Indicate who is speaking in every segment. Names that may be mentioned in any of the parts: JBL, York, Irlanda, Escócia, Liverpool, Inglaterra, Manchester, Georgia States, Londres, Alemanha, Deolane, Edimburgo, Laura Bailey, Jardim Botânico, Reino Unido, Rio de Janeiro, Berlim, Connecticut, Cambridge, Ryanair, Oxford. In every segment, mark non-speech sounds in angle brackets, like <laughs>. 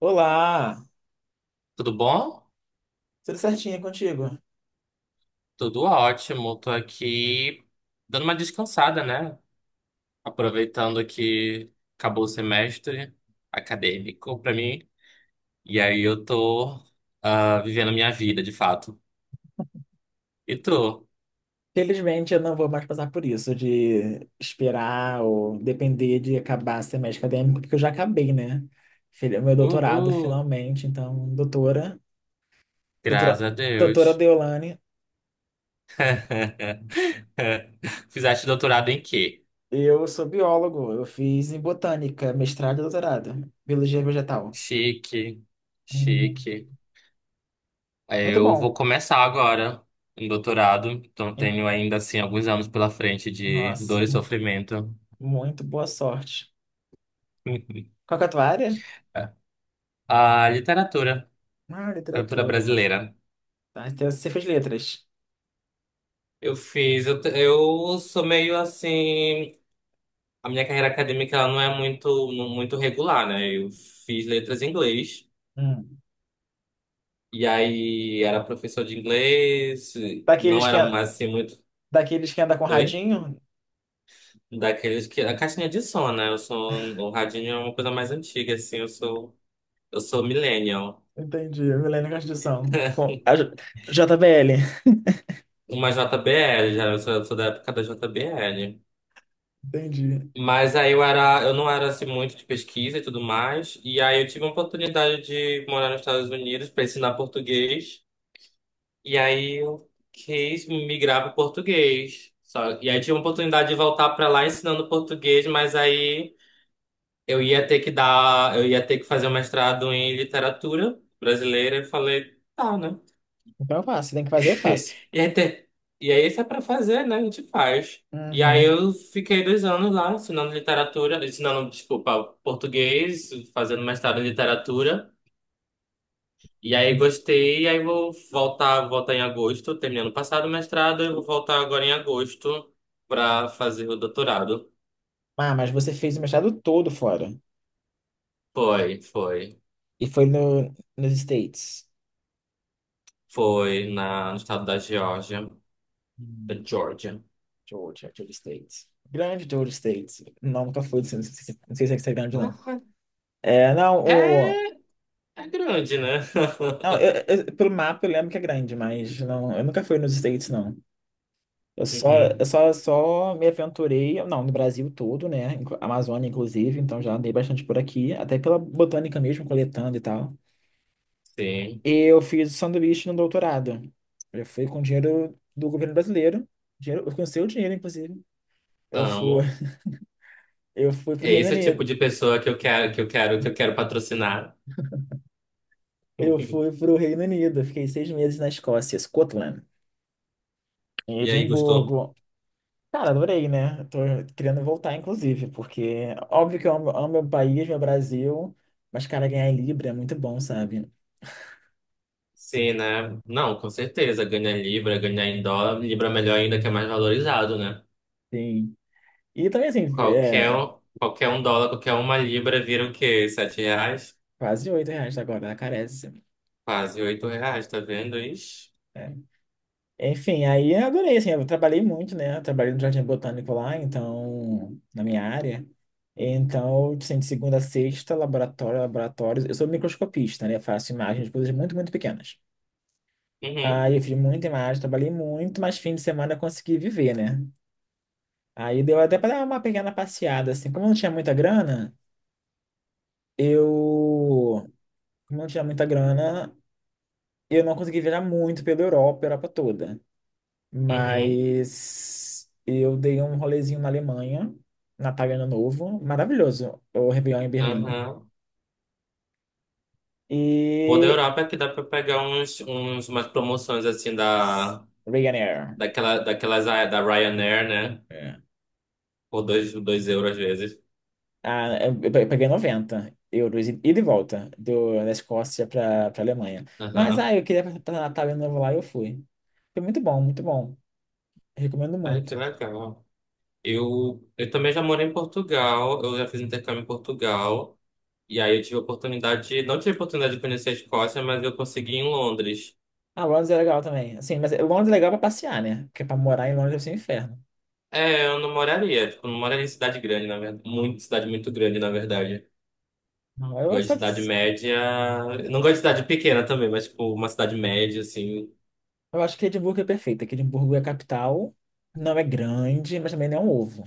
Speaker 1: Olá,
Speaker 2: Tudo bom?
Speaker 1: tudo certinho contigo?
Speaker 2: Tudo ótimo. Tô aqui dando uma descansada, né? Aproveitando que acabou o semestre acadêmico pra mim. E aí eu tô vivendo a minha vida, de fato. E tu?
Speaker 1: Felizmente eu não vou mais passar por isso de esperar ou depender de acabar semestre acadêmico, porque eu já acabei, né? Meu doutorado
Speaker 2: Uhul!
Speaker 1: finalmente, então, doutora,
Speaker 2: Graças
Speaker 1: doutora,
Speaker 2: a
Speaker 1: doutora
Speaker 2: Deus.
Speaker 1: Deolane,
Speaker 2: <laughs> Fizeste doutorado em quê?
Speaker 1: eu sou biólogo, eu fiz em botânica, mestrado e doutorado, biologia vegetal.
Speaker 2: Chique,
Speaker 1: Uhum.
Speaker 2: chique.
Speaker 1: Muito
Speaker 2: Eu vou
Speaker 1: bom.
Speaker 2: começar agora um doutorado, então
Speaker 1: Em-
Speaker 2: tenho ainda assim alguns anos pela frente de dor
Speaker 1: Nossa,
Speaker 2: e sofrimento.
Speaker 1: muito boa sorte.
Speaker 2: <laughs>
Speaker 1: Qual que é a tua área?
Speaker 2: A literatura,
Speaker 1: Ah,
Speaker 2: literatura
Speaker 1: literatura.
Speaker 2: brasileira.
Speaker 1: Tá, então você fez letras.
Speaker 2: Eu fiz, eu, te- Eu sou meio assim, a minha carreira acadêmica ela não é muito regular, né? Eu fiz letras em inglês
Speaker 1: Hum.
Speaker 2: e aí era professor de inglês, não
Speaker 1: Daqueles que
Speaker 2: era mais assim muito.
Speaker 1: daqueles que anda com
Speaker 2: Oi?
Speaker 1: radinho?
Speaker 2: Daqueles que a caixinha de som, né? Eu sou um, o radinho é uma coisa mais antiga assim, eu sou millennial.
Speaker 1: Entendi. Milênio Constituição. Bom,
Speaker 2: <laughs>
Speaker 1: JBL.
Speaker 2: Uma JBL, eu sou da época da JBL.
Speaker 1: Entendi.
Speaker 2: Mas aí eu era, eu não era assim muito de pesquisa e tudo mais. E aí eu tive a oportunidade de morar nos Estados Unidos para ensinar português. E aí eu quis migrar para português. Só, e aí tive a oportunidade de voltar para lá ensinando português, mas aí eu ia ter que fazer um mestrado em literatura brasileira. Eu falei, tá, né?
Speaker 1: Então eu faço. Se tem que fazer, eu faço.
Speaker 2: E, até, e aí, isso é pra fazer, né? A gente faz. E aí,
Speaker 1: Uhum.
Speaker 2: eu fiquei dois anos lá ensinando literatura, ensinando, desculpa, português, fazendo mestrado em literatura. E aí, gostei. E aí, voltar em agosto, terminando o passado o mestrado, eu vou voltar agora em agosto pra fazer o doutorado.
Speaker 1: Ah, mas você fez o mestrado todo fora.
Speaker 2: Foi, foi.
Speaker 1: E foi no, nos States.
Speaker 2: No estado da Geórgia, da
Speaker 1: Hum,
Speaker 2: Geórgia.
Speaker 1: Georgia, Georgia States. Grande Georgia States. Não, nunca fui. Não sei, se não sei se é grande, não. É, não,
Speaker 2: É,
Speaker 1: o…
Speaker 2: é grande, né?
Speaker 1: Não,
Speaker 2: <laughs>
Speaker 1: pelo mapa eu lembro que é grande, mas não, eu nunca fui nos States, não. Eu só,
Speaker 2: Uhum,
Speaker 1: só me aventurei, não, no Brasil todo, né? Amazônia, inclusive, então já andei bastante por aqui, até pela botânica mesmo, coletando e tal.
Speaker 2: sim,
Speaker 1: Eu fiz sanduíche no doutorado. Eu fui com dinheiro do governo brasileiro, dinheiro, com seu dinheiro, inclusive. Eu fui,
Speaker 2: amo.
Speaker 1: <laughs> eu fui pro
Speaker 2: É
Speaker 1: Reino
Speaker 2: esse tipo
Speaker 1: Unido.
Speaker 2: de pessoa que eu quero, que eu quero patrocinar.
Speaker 1: Eu fui
Speaker 2: <laughs>
Speaker 1: pro Reino Unido, fiquei seis meses na Escócia, Scotland, em
Speaker 2: E aí, gostou?
Speaker 1: Edimburgo. Cara, adorei, né? Tô querendo voltar, inclusive, porque óbvio que eu amo, amo meu país, meu Brasil, mas, cara, ganhar em Libra é muito bom, sabe?
Speaker 2: Sim, né? Não, com certeza. Ganhar em Libra, ganhar em dólar. Libra é melhor ainda, que é mais valorizado, né?
Speaker 1: Sim. E também, assim, é,
Speaker 2: Qualquer um dólar, qualquer uma libra vira o quê? Sete reais?
Speaker 1: quase oito reais agora, ela carece.
Speaker 2: Quase oito reais, tá vendo? Ixi.
Speaker 1: Né? Enfim, aí eu adorei, assim, eu trabalhei muito, né? Eu trabalhei no Jardim Botânico lá, então, na minha área. Então, assim, de segunda a sexta, laboratório, laboratórios. Eu sou microscopista, né? Eu faço imagens de coisas muito, muito pequenas.
Speaker 2: Uhum,
Speaker 1: Aí eu fiz muita imagem, trabalhei muito, mas fim de semana eu consegui viver, né? Aí deu até para dar uma pequena passeada, assim. Eu. Como eu não tinha muita grana, eu não consegui viajar muito pela Europa, Europa toda.
Speaker 2: uhum,
Speaker 1: Mas eu dei um rolezinho na Alemanha, Natal e Ano Novo, maravilhoso. O Réveillon em Berlim.
Speaker 2: aham. O bom da
Speaker 1: E.
Speaker 2: Europa é que dá pra pegar umas promoções assim da,
Speaker 1: Ryanair.
Speaker 2: daquelas é da Ryanair, né?
Speaker 1: É.
Speaker 2: Por dois euros às vezes.
Speaker 1: Ah, eu peguei noventa euros e de volta da Escócia para Alemanha. Mas
Speaker 2: Aham.
Speaker 1: eu queria passar Natal e Ano Novo lá e eu fui. Foi muito bom, muito bom. Recomendo
Speaker 2: Ai,
Speaker 1: muito.
Speaker 2: que legal. Eu também já morei em Portugal, eu já fiz intercâmbio em Portugal, e aí eu tive a oportunidade, de- não tive a oportunidade de conhecer a Escócia, mas eu consegui em Londres.
Speaker 1: Ah, Londres é legal também. Assim, mas Londres é legal pra passear, né? Porque pra morar em Londres deve ser um inferno.
Speaker 2: É, eu não moraria, tipo, não moraria em cidade grande, na verdade, muito, cidade muito grande, na verdade.
Speaker 1: Não, eu,
Speaker 2: Eu gosto de cidade média, eu não gosto de cidade pequena também, mas, tipo, uma cidade média, assim,
Speaker 1: eu acho que Edimburgo é perfeita. Que Edimburgo é a capital. Não é grande, mas também não é um ovo.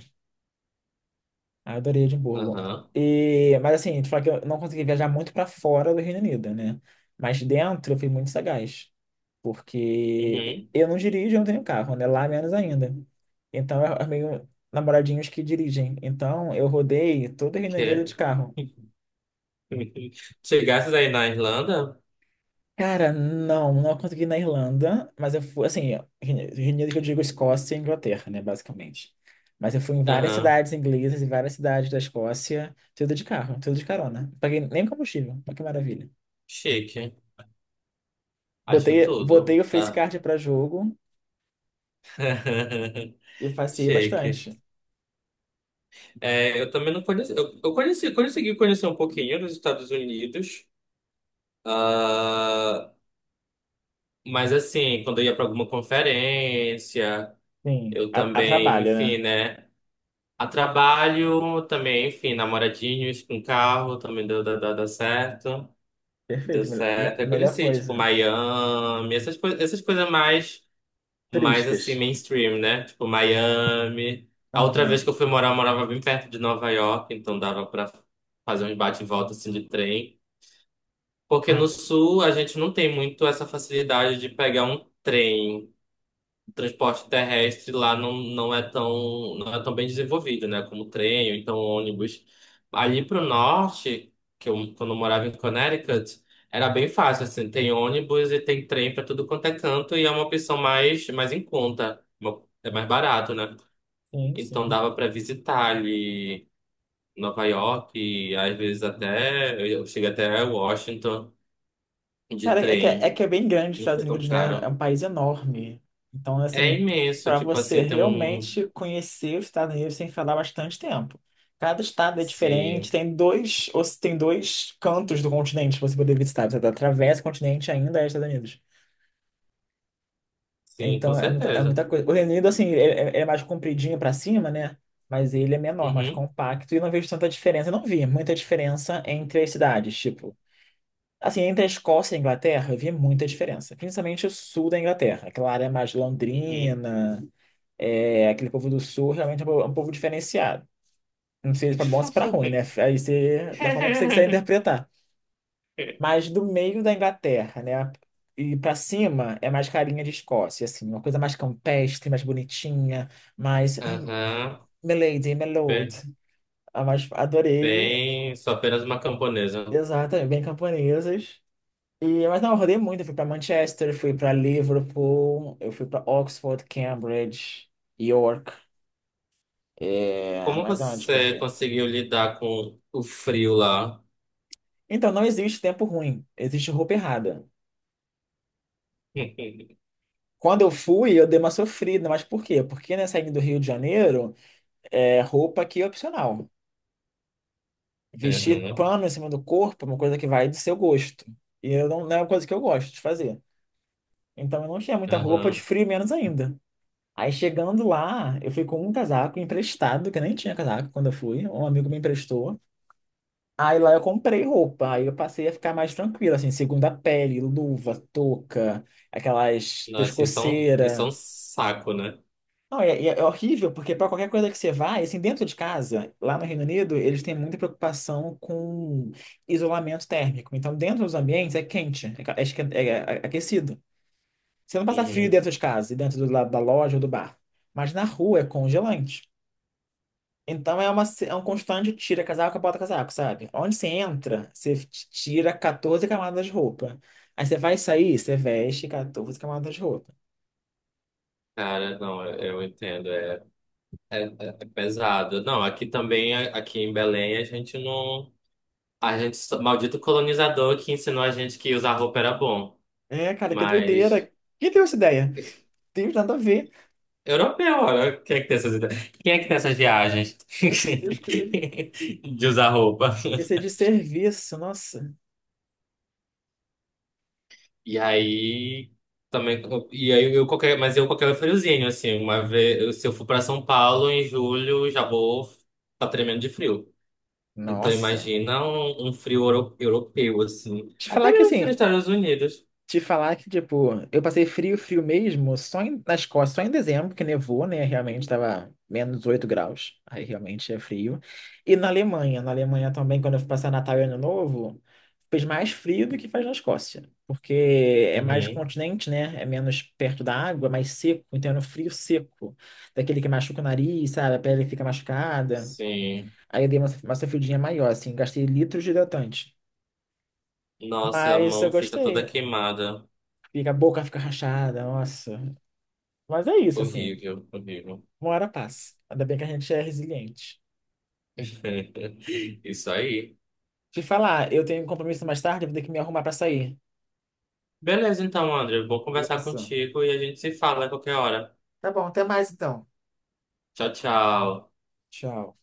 Speaker 1: Ah, eu adorei Edimburgo.
Speaker 2: aham,
Speaker 1: E, mas assim, te falar que eu não consegui viajar muito pra fora do Reino Unido, né? Mas dentro eu fui muito sagaz. Porque
Speaker 2: uhum,
Speaker 1: eu não dirijo, eu não tenho carro, né? Lá menos ainda. Então, é meio namoradinhos que dirigem. Então, eu rodei todo o Reino Unido
Speaker 2: que
Speaker 1: de carro.
Speaker 2: <laughs> chegasses aí na Irlanda?
Speaker 1: Cara, não, não consegui na Irlanda, mas eu fui, assim, Reino Unido que eu digo Escócia e Inglaterra, né, basicamente. Mas eu fui em várias
Speaker 2: Aham,
Speaker 1: cidades inglesas e várias cidades da Escócia, tudo de carro, tudo de carona. Paguei nem combustível, olha que maravilha.
Speaker 2: chique, acho
Speaker 1: Botei
Speaker 2: tudo.
Speaker 1: o Face
Speaker 2: Ah.
Speaker 1: Card pra jogo
Speaker 2: <laughs>
Speaker 1: e passei
Speaker 2: Shake.
Speaker 1: bastante.
Speaker 2: É, eu também não conheci. Eu conheci, consegui conhecer um pouquinho dos Estados Unidos. Ah, mas assim, quando eu ia para alguma conferência,
Speaker 1: Sim,
Speaker 2: eu
Speaker 1: a
Speaker 2: também,
Speaker 1: trabalho,
Speaker 2: enfim,
Speaker 1: né?
Speaker 2: né? A trabalho também, enfim, namoradinhos com carro também deu certo. Deu
Speaker 1: Perfeito, melhor,
Speaker 2: certo. Eu
Speaker 1: melhor
Speaker 2: conheci, tipo,
Speaker 1: coisa.
Speaker 2: Miami, essas coisas mais. Mais
Speaker 1: Turísticas.
Speaker 2: assim, mainstream, né? Tipo, Miami. A outra vez
Speaker 1: Aham.
Speaker 2: que eu fui morar, eu morava bem perto de Nova York, então dava pra fazer uns bate e volta assim de trem. Porque no
Speaker 1: Ah,
Speaker 2: sul a gente não tem muito essa facilidade de pegar um trem, o transporte terrestre lá não, não é tão, não é tão bem desenvolvido, né? Como trem, ou então ônibus. Ali pro norte, que eu, quando eu morava em Connecticut, era bem fácil, assim, tem ônibus e tem trem para tudo quanto é canto e é uma opção mais, mais em conta, uma- é mais barato, né?
Speaker 1: sim,
Speaker 2: Então
Speaker 1: sim.
Speaker 2: dava para visitar ali Nova York, e às vezes até, eu cheguei até Washington de
Speaker 1: Cara, é
Speaker 2: trem,
Speaker 1: que é bem grande os
Speaker 2: não
Speaker 1: Estados
Speaker 2: foi tão
Speaker 1: Unidos, né? É
Speaker 2: caro.
Speaker 1: um país enorme. Então,
Speaker 2: É
Speaker 1: assim,
Speaker 2: imenso,
Speaker 1: para
Speaker 2: tipo
Speaker 1: você
Speaker 2: assim, tem um,
Speaker 1: realmente conhecer os Estados Unidos sem falar bastante tempo. Cada estado é diferente,
Speaker 2: sim.
Speaker 1: tem dois, ou se tem dois cantos do continente pra você poder visitar. Você atravessa o continente e ainda é Estados Unidos.
Speaker 2: Sim, com
Speaker 1: Então, é
Speaker 2: certeza.
Speaker 1: muita coisa. O Reino Unido, assim, ele é mais compridinho para cima, né? Mas ele é menor, mais
Speaker 2: Uhum,
Speaker 1: compacto, e eu não vejo tanta diferença. Eu não vi muita diferença entre as cidades. Tipo, assim, entre a Escócia e a Inglaterra, eu via muita diferença, principalmente o sul da Inglaterra, aquela área mais londrina, é, aquele povo do sul realmente é um povo diferenciado. Não sei se para bom ou se para
Speaker 2: uhum. <laughs>
Speaker 1: ruim, né? Aí você, da forma que você quiser interpretar. Mas do meio da Inglaterra, né? E para cima é mais carinha de Escócia, assim, uma coisa mais campestre, mais bonitinha, mais <clears throat> <laughs> ah,
Speaker 2: Aham,
Speaker 1: milady, my lord.
Speaker 2: bem,
Speaker 1: Ah, mas adorei,
Speaker 2: bem, sou apenas uma camponesa.
Speaker 1: exatamente, bem camponesas. E, mas não, eu rodei muito. Eu fui para Manchester, fui para Liverpool, eu fui para Oxford, Cambridge, York. É,
Speaker 2: Como
Speaker 1: mas aonde que eu
Speaker 2: você
Speaker 1: fui?
Speaker 2: conseguiu lidar com o frio lá?
Speaker 1: Então, não existe tempo ruim, existe roupa errada.
Speaker 2: <laughs>
Speaker 1: Quando eu fui, eu dei uma sofrida, mas por quê? Porque, né, saindo do Rio de Janeiro, é, roupa aqui é opcional. Vestir
Speaker 2: Aham,
Speaker 1: pano em cima do corpo é uma coisa que vai do seu gosto. E eu não, não é uma coisa que eu gosto de fazer. Então, eu não tinha muita roupa de
Speaker 2: aham.
Speaker 1: frio, menos ainda. Aí chegando lá, eu fui com um casaco emprestado, que eu nem tinha casaco quando eu fui, um amigo me emprestou. Aí lá eu comprei roupa, aí eu passei a ficar mais tranquilo, assim, segunda pele, luva, touca, aquelas
Speaker 2: Nossa, isso é um
Speaker 1: pescoceira.
Speaker 2: saco, né?
Speaker 1: Não, é, é horrível, porque para qualquer coisa que você vai, assim, dentro de casa, lá no Reino Unido, eles têm muita preocupação com isolamento térmico. Então, dentro dos ambientes é quente, é aquecido. Você não passa frio
Speaker 2: Uhum.
Speaker 1: dentro de casa, e dentro do lado da loja ou do bar. Mas na rua é congelante. Então é, uma, se- é um constante tira casaco, bota casaco, sabe? Onde você entra, você tira 14 camadas de roupa. Aí você vai sair, você veste 14 camadas de roupa.
Speaker 2: Cara, não, eu entendo, é, é, é pesado. Não, aqui também, a- aqui em Belém, a gente não. A gente, só- maldito colonizador que ensinou a gente que usar roupa era bom.
Speaker 1: É, cara, que doideira.
Speaker 2: Mas
Speaker 1: Quem teve essa ideia? Tem nada a ver.
Speaker 2: europeu, olha, quem é que tem essas ideias? Quem é que tem essas
Speaker 1: É,
Speaker 2: viagens
Speaker 1: Meu Deus, que doideira.
Speaker 2: <laughs> de usar roupa?
Speaker 1: Esse é de serviço, nossa.
Speaker 2: E aí também e aí eu qualquer, mas eu qualquer friozinho assim, uma vez, eu- se eu for para São Paulo em julho, já vou tá tremendo de frio. Então
Speaker 1: Nossa.
Speaker 2: imagina um frio euro- europeu assim,
Speaker 1: Te
Speaker 2: até
Speaker 1: falar que
Speaker 2: mesmo frio nos
Speaker 1: assim,
Speaker 2: Estados Unidos.
Speaker 1: Te falar que, tipo, eu passei frio, frio mesmo, na Escócia, só em dezembro, que nevou, né? Realmente tava menos 8 graus, aí realmente é frio. E na Alemanha também, quando eu fui passar Natal e Ano Novo, fez mais frio do que faz na Escócia, porque é mais
Speaker 2: Uhum.
Speaker 1: continente, né? É menos perto da água, mais seco, então era um frio seco, daquele que machuca o nariz, sabe? A pele fica machucada.
Speaker 2: Sim.
Speaker 1: Aí eu dei uma sofridinha maior, assim, gastei litros de hidratante.
Speaker 2: Nossa, a
Speaker 1: Mas eu
Speaker 2: mão fica toda
Speaker 1: gostei.
Speaker 2: queimada.
Speaker 1: Fica, a boca fica rachada, nossa. Mas é isso, assim.
Speaker 2: Horrível, horrível.
Speaker 1: Uma hora passa. Ainda bem que a gente é resiliente.
Speaker 2: <laughs> Isso aí.
Speaker 1: Te falar, eu tenho um compromisso mais tarde, eu vou ter que me arrumar pra sair.
Speaker 2: Beleza, então, André. Eu vou conversar
Speaker 1: Beleza?
Speaker 2: contigo e a gente se fala a qualquer hora.
Speaker 1: Tá bom, até mais então.
Speaker 2: Tchau, tchau.
Speaker 1: Tchau.